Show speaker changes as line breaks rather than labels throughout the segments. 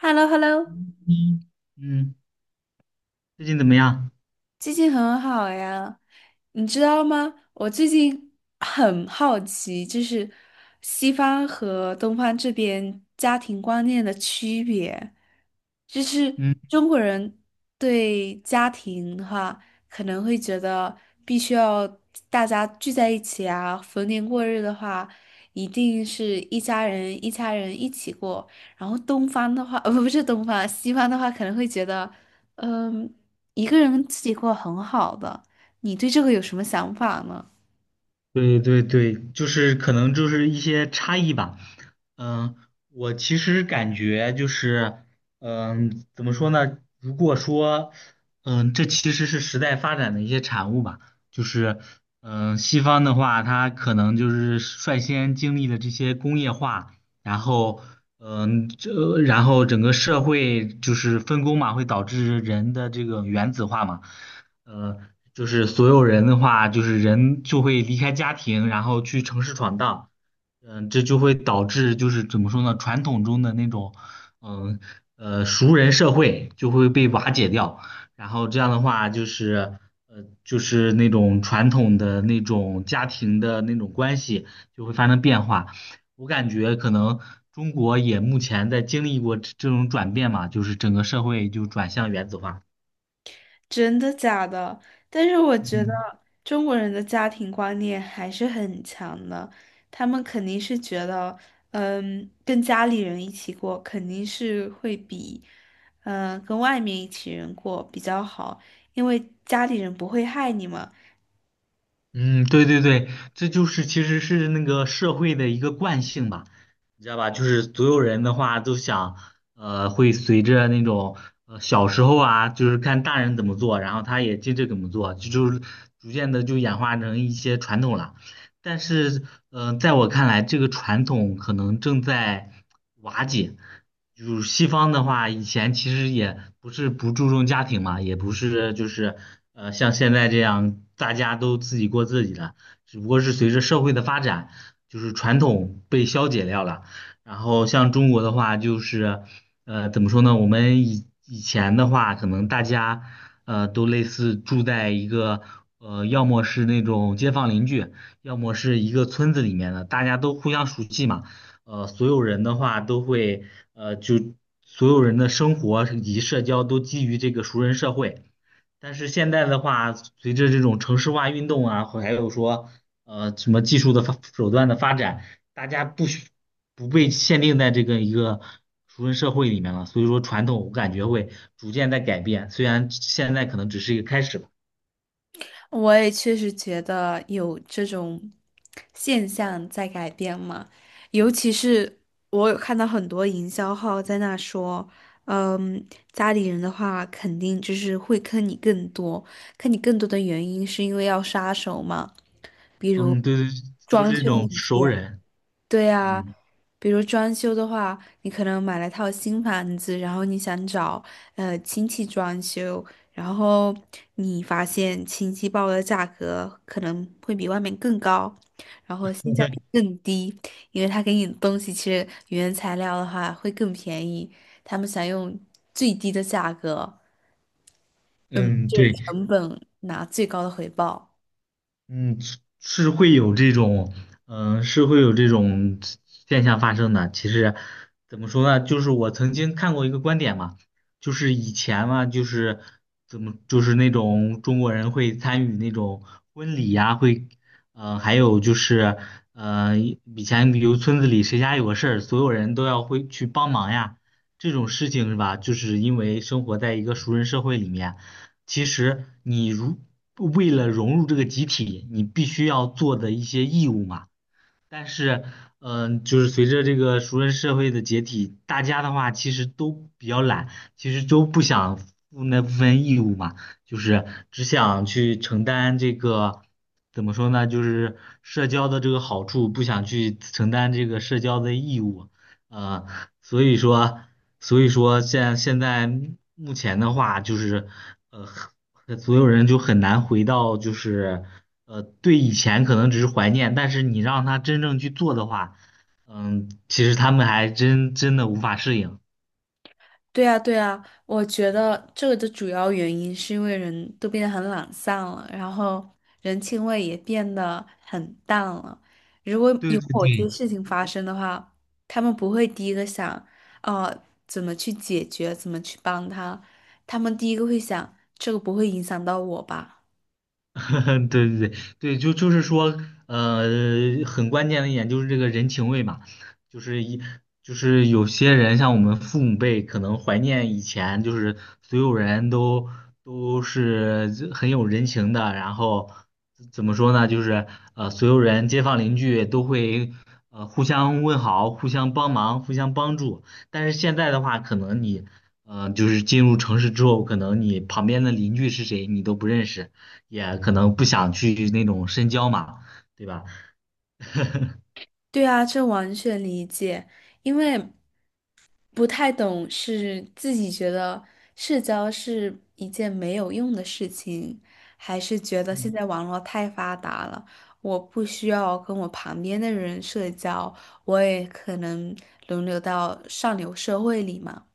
h e l l o h e l l o
嗯嗯，最近怎么样？
最近很好呀，你知道吗？我最近很好奇，就是西方和东方这边家庭观念的区别，就是
嗯，
中国人对家庭的话，可能会觉得必须要大家聚在一起啊，逢年过日的话，一定是一家人一家人一起过。然后东方的话，呃，不不是东方，西方的话可能会觉得。嗯，一个人自己过很好的，你对这个有什么想法呢？
对对对，就是可能就是一些差异吧。嗯，我其实感觉就是，怎么说呢？如果说，这其实是时代发展的一些产物吧。就是，西方的话，它可能就是率先经历了这些工业化，然后，然后整个社会就是分工嘛，会导致人的这个原子化嘛。呃，就是所有人的话，人就会离开家庭，然后去城市闯荡，这就会导致就是怎么说呢，传统中的那种，嗯熟人社会就会被瓦解掉，然后这样的话就是，就是那种传统的那种家庭的那种关系就会发生变化，我感觉可能中国也目前在经历过这种转变嘛，就是整个社会就转向原子化，
真的假的？但是我觉得
嗯。
中国人的家庭观念还是很强的，他们肯定是觉得，嗯，跟家里人一起过肯定是会比，嗯，跟外面一起人过比较好，因为家里人不会害你嘛。
嗯，对对对，这就是其实是那个社会的一个惯性吧，你知道吧？就是所有人的话都想，会随着那种小时候啊，就是看大人怎么做，然后他也接着怎么做，就是逐渐的就演化成一些传统了。但是，在我看来，这个传统可能正在瓦解。就是西方的话，以前其实也不是不注重家庭嘛，也不是就是像现在这样大家都自己过自己的，只不过是随着社会的发展，就是传统被消解掉了。然后像中国的话，就是怎么说呢？我们以前的话，可能大家都类似住在一个要么是那种街坊邻居。要么是一个村子里面的，大家都互相熟悉嘛，所有人的话都会，呃，就所有人的生活以及社交都基于这个熟人社会。但是现在的话，随着这种城市化运动啊，还有说，什么技术的手段的发展，大家不被限定在这个一个熟人社会里面了，所以说传统我感觉会逐渐在改变，虽然现在可能只是一个开始吧。
我也确实觉得有这种现象在改变嘛，尤其是我有看到很多营销号在那说，嗯，家里人的话肯定就是会坑你更多，坑你更多的原因是因为要杀手嘛，比如
嗯，对对，就
装
是这
修
种
一
熟
些。
人，
对呀，
嗯。
比如装修的话，你可能买了套新房子，然后你想找亲戚装修，然后你发现亲戚报的价格可能会比外面更高，然后性价比更低，因为他给你的东西其实原材料的话会更便宜，他们想用最低的价格，嗯，
嗯，
就是
对，
成本拿最高的回报。
嗯，会有这种，嗯，是会有这种现象发生的。其实怎么说呢，就是我曾经看过一个观点嘛，就是以前嘛，就是怎么，就是那种中国人会参与那种婚礼呀、会，呃，还有就是，呃，以前比如村子里谁家有个事儿，所有人都要会去帮忙呀，这种事情是吧？就是因为生活在一个熟人社会里面。其实为了融入这个集体，你必须要做的一些义务嘛。但是，就是随着这个熟人社会的解体，大家的话其实都比较懒，其实都不想负那部分义务嘛，就是只想去承担这个。怎么说呢？就是社交的这个好处，不想去承担这个社交的义务，呃，所以说，所以说现在目前的话，就是呃，所有人就很难回到就是，对以前可能只是怀念，但是你让他真正去做的话，嗯，其实他们还真的无法适应。
对啊，对啊，我觉得这个的主要原因是因为人都变得很懒散了，然后人情味也变得很淡了。如果
对
有
对
某些
对，
事情发生的话，他们不会第一个想，怎么去解决，怎么去帮他，他们第一个会想，这个不会影响到我吧？
对对对对，就是说，呃，很关键的一点就是这个人情味嘛，就是一就是有些人像我们父母辈可能怀念以前，就是所有人都都是很有人情的，然后怎么说呢，就是所有人街坊邻居都会互相问好、互相帮忙、互相帮助，但是现在的话，可能你就是进入城市之后，可能你旁边的邻居是谁你都不认识。也可能不想去那种深交嘛，对吧？
对啊，这完全理解，因为不太懂是自己觉得社交是一件没有用的事情，还是觉得现
嗯，
在网络太发达了，我不需要跟我旁边的人社交，我也可能轮流到上流社会里嘛。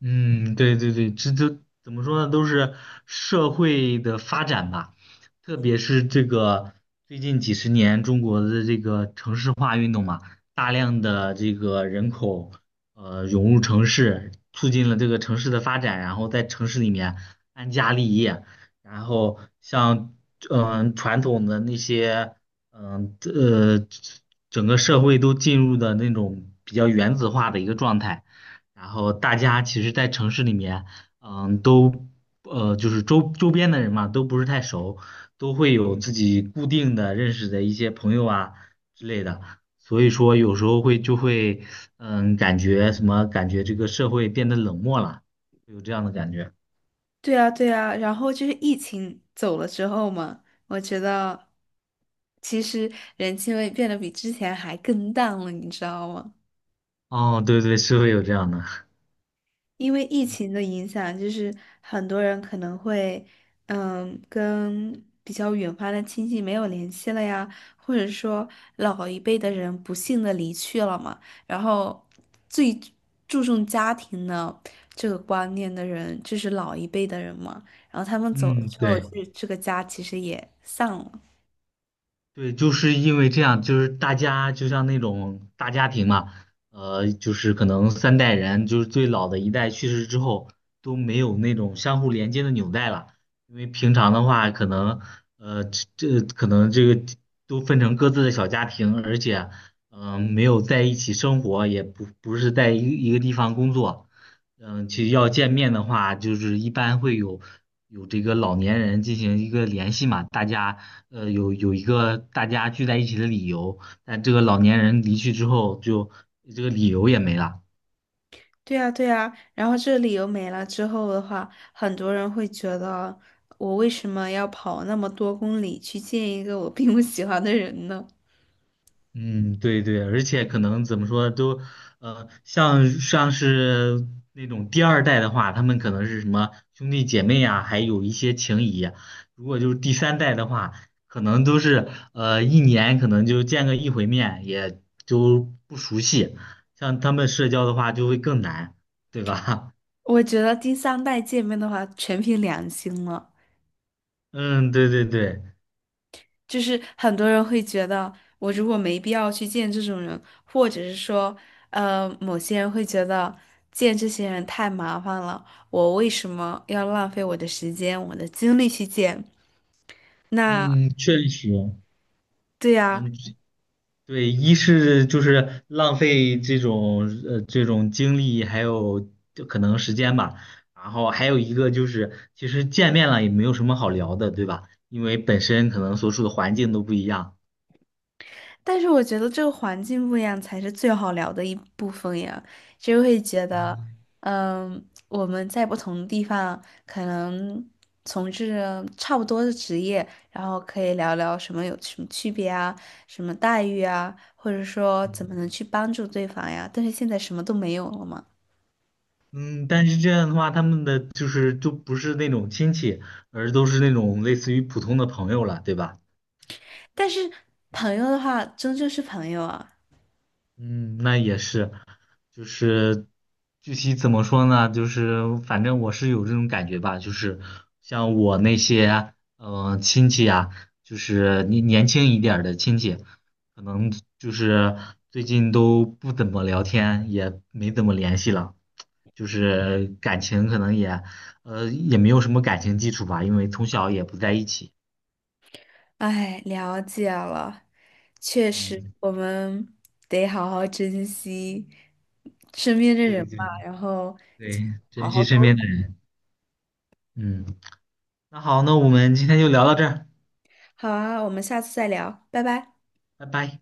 嗯，对对对，这都怎么说呢？都是社会的发展吧，特别是这个最近几十年中国的这个城市化运动嘛，大量的这个人口涌入城市，促进了这个城市的发展，然后在城市里面安家立业，然后像传统的那些嗯呃整个社会都进入的那种比较原子化的一个状态。然后大家其实，在城市里面，嗯，都就是周边的人嘛，都不是太熟，都会有自己固定的认识的一些朋友啊之类的，所以说有时候就会，嗯，感觉这个社会变得冷漠了，有这样的感觉。
对啊，对啊，然后就是疫情走了之后嘛，我觉得其实人气味变得比之前还更淡了，你知道吗？
哦，对对，是会有这样的。
因为疫情的影响，就是很多人可能会，嗯，跟比较远方的亲戚没有联系了呀，或者说老一辈的人不幸的离去了嘛，然后最注重家庭的这个观念的人，就是老一辈的人嘛，然后他们走了
嗯，
之后，
对。
就是这个家其实也散了。
对，就是因为这样，就是大家就像那种大家庭嘛，就是可能三代人，就是最老的一代去世之后都没有那种相互连接的纽带了，因为平常的话，可能呃这这可能这个都分成各自的小家庭，而且没有在一起生活，也不是在一个地方工作，其实要见面的话，就是一般会有这个老年人进行一个联系嘛，大家。有一个大家聚在一起的理由，但这个老年人离去之后就，这个理由也没了。
对呀，对呀，然后这个理由没了之后的话，很多人会觉得我为什么要跑那么多公里去见一个我并不喜欢的人呢？
嗯，对对，而且可能怎么说都，像是那种第二代的话，他们可能是什么兄弟姐妹啊，还有一些情谊啊如果就是第三代的话，可能都是一年可能就见个一回面，也就不熟悉。像他们社交的话就会更难，对吧？
我觉得第三代见面的话，全凭良心了。
嗯，对对对。
就是很多人会觉得，我如果没必要去见这种人，或者是说，某些人会觉得见这些人太麻烦了，我为什么要浪费我的时间、我的精力去见？那
嗯，确实，
对呀。
嗯，对，一是就是浪费这种这种精力，还有就可能时间吧，然后还有一个就是，其实见面了也没有什么好聊的，对吧？因为本身可能所处的环境都不一样。
但是我觉得这个环境不一样才是最好聊的一部分呀，就会觉得，嗯，我们在不同的地方可能从事着差不多的职业，然后可以聊聊什么有什么区别啊，什么待遇啊，或者说怎么能去帮助对方呀。但是现在什么都没有了嘛。
嗯，但是这样的话，他们的就不是那种亲戚，而都是那种类似于普通的朋友了，对吧？
但是朋友的话，终究是朋友啊。
嗯，那也是，就是具体怎么说呢？就是反正我是有这种感觉吧，就是像我那些亲戚啊，就是年轻一点儿的亲戚，可能就是最近都不怎么聊天，也没怎么联系了，就是感情可能也也没有什么感情基础吧，因为从小也不在一起。
哎，了解了，确实，
嗯，
我们得好好珍惜身边的人
对
吧，
对
然后
对，
好
珍
好
惜身
沟
边的
通。
人。嗯，那好，那我们今天就聊到这儿。
好啊，我们下次再聊，拜拜。
拜拜。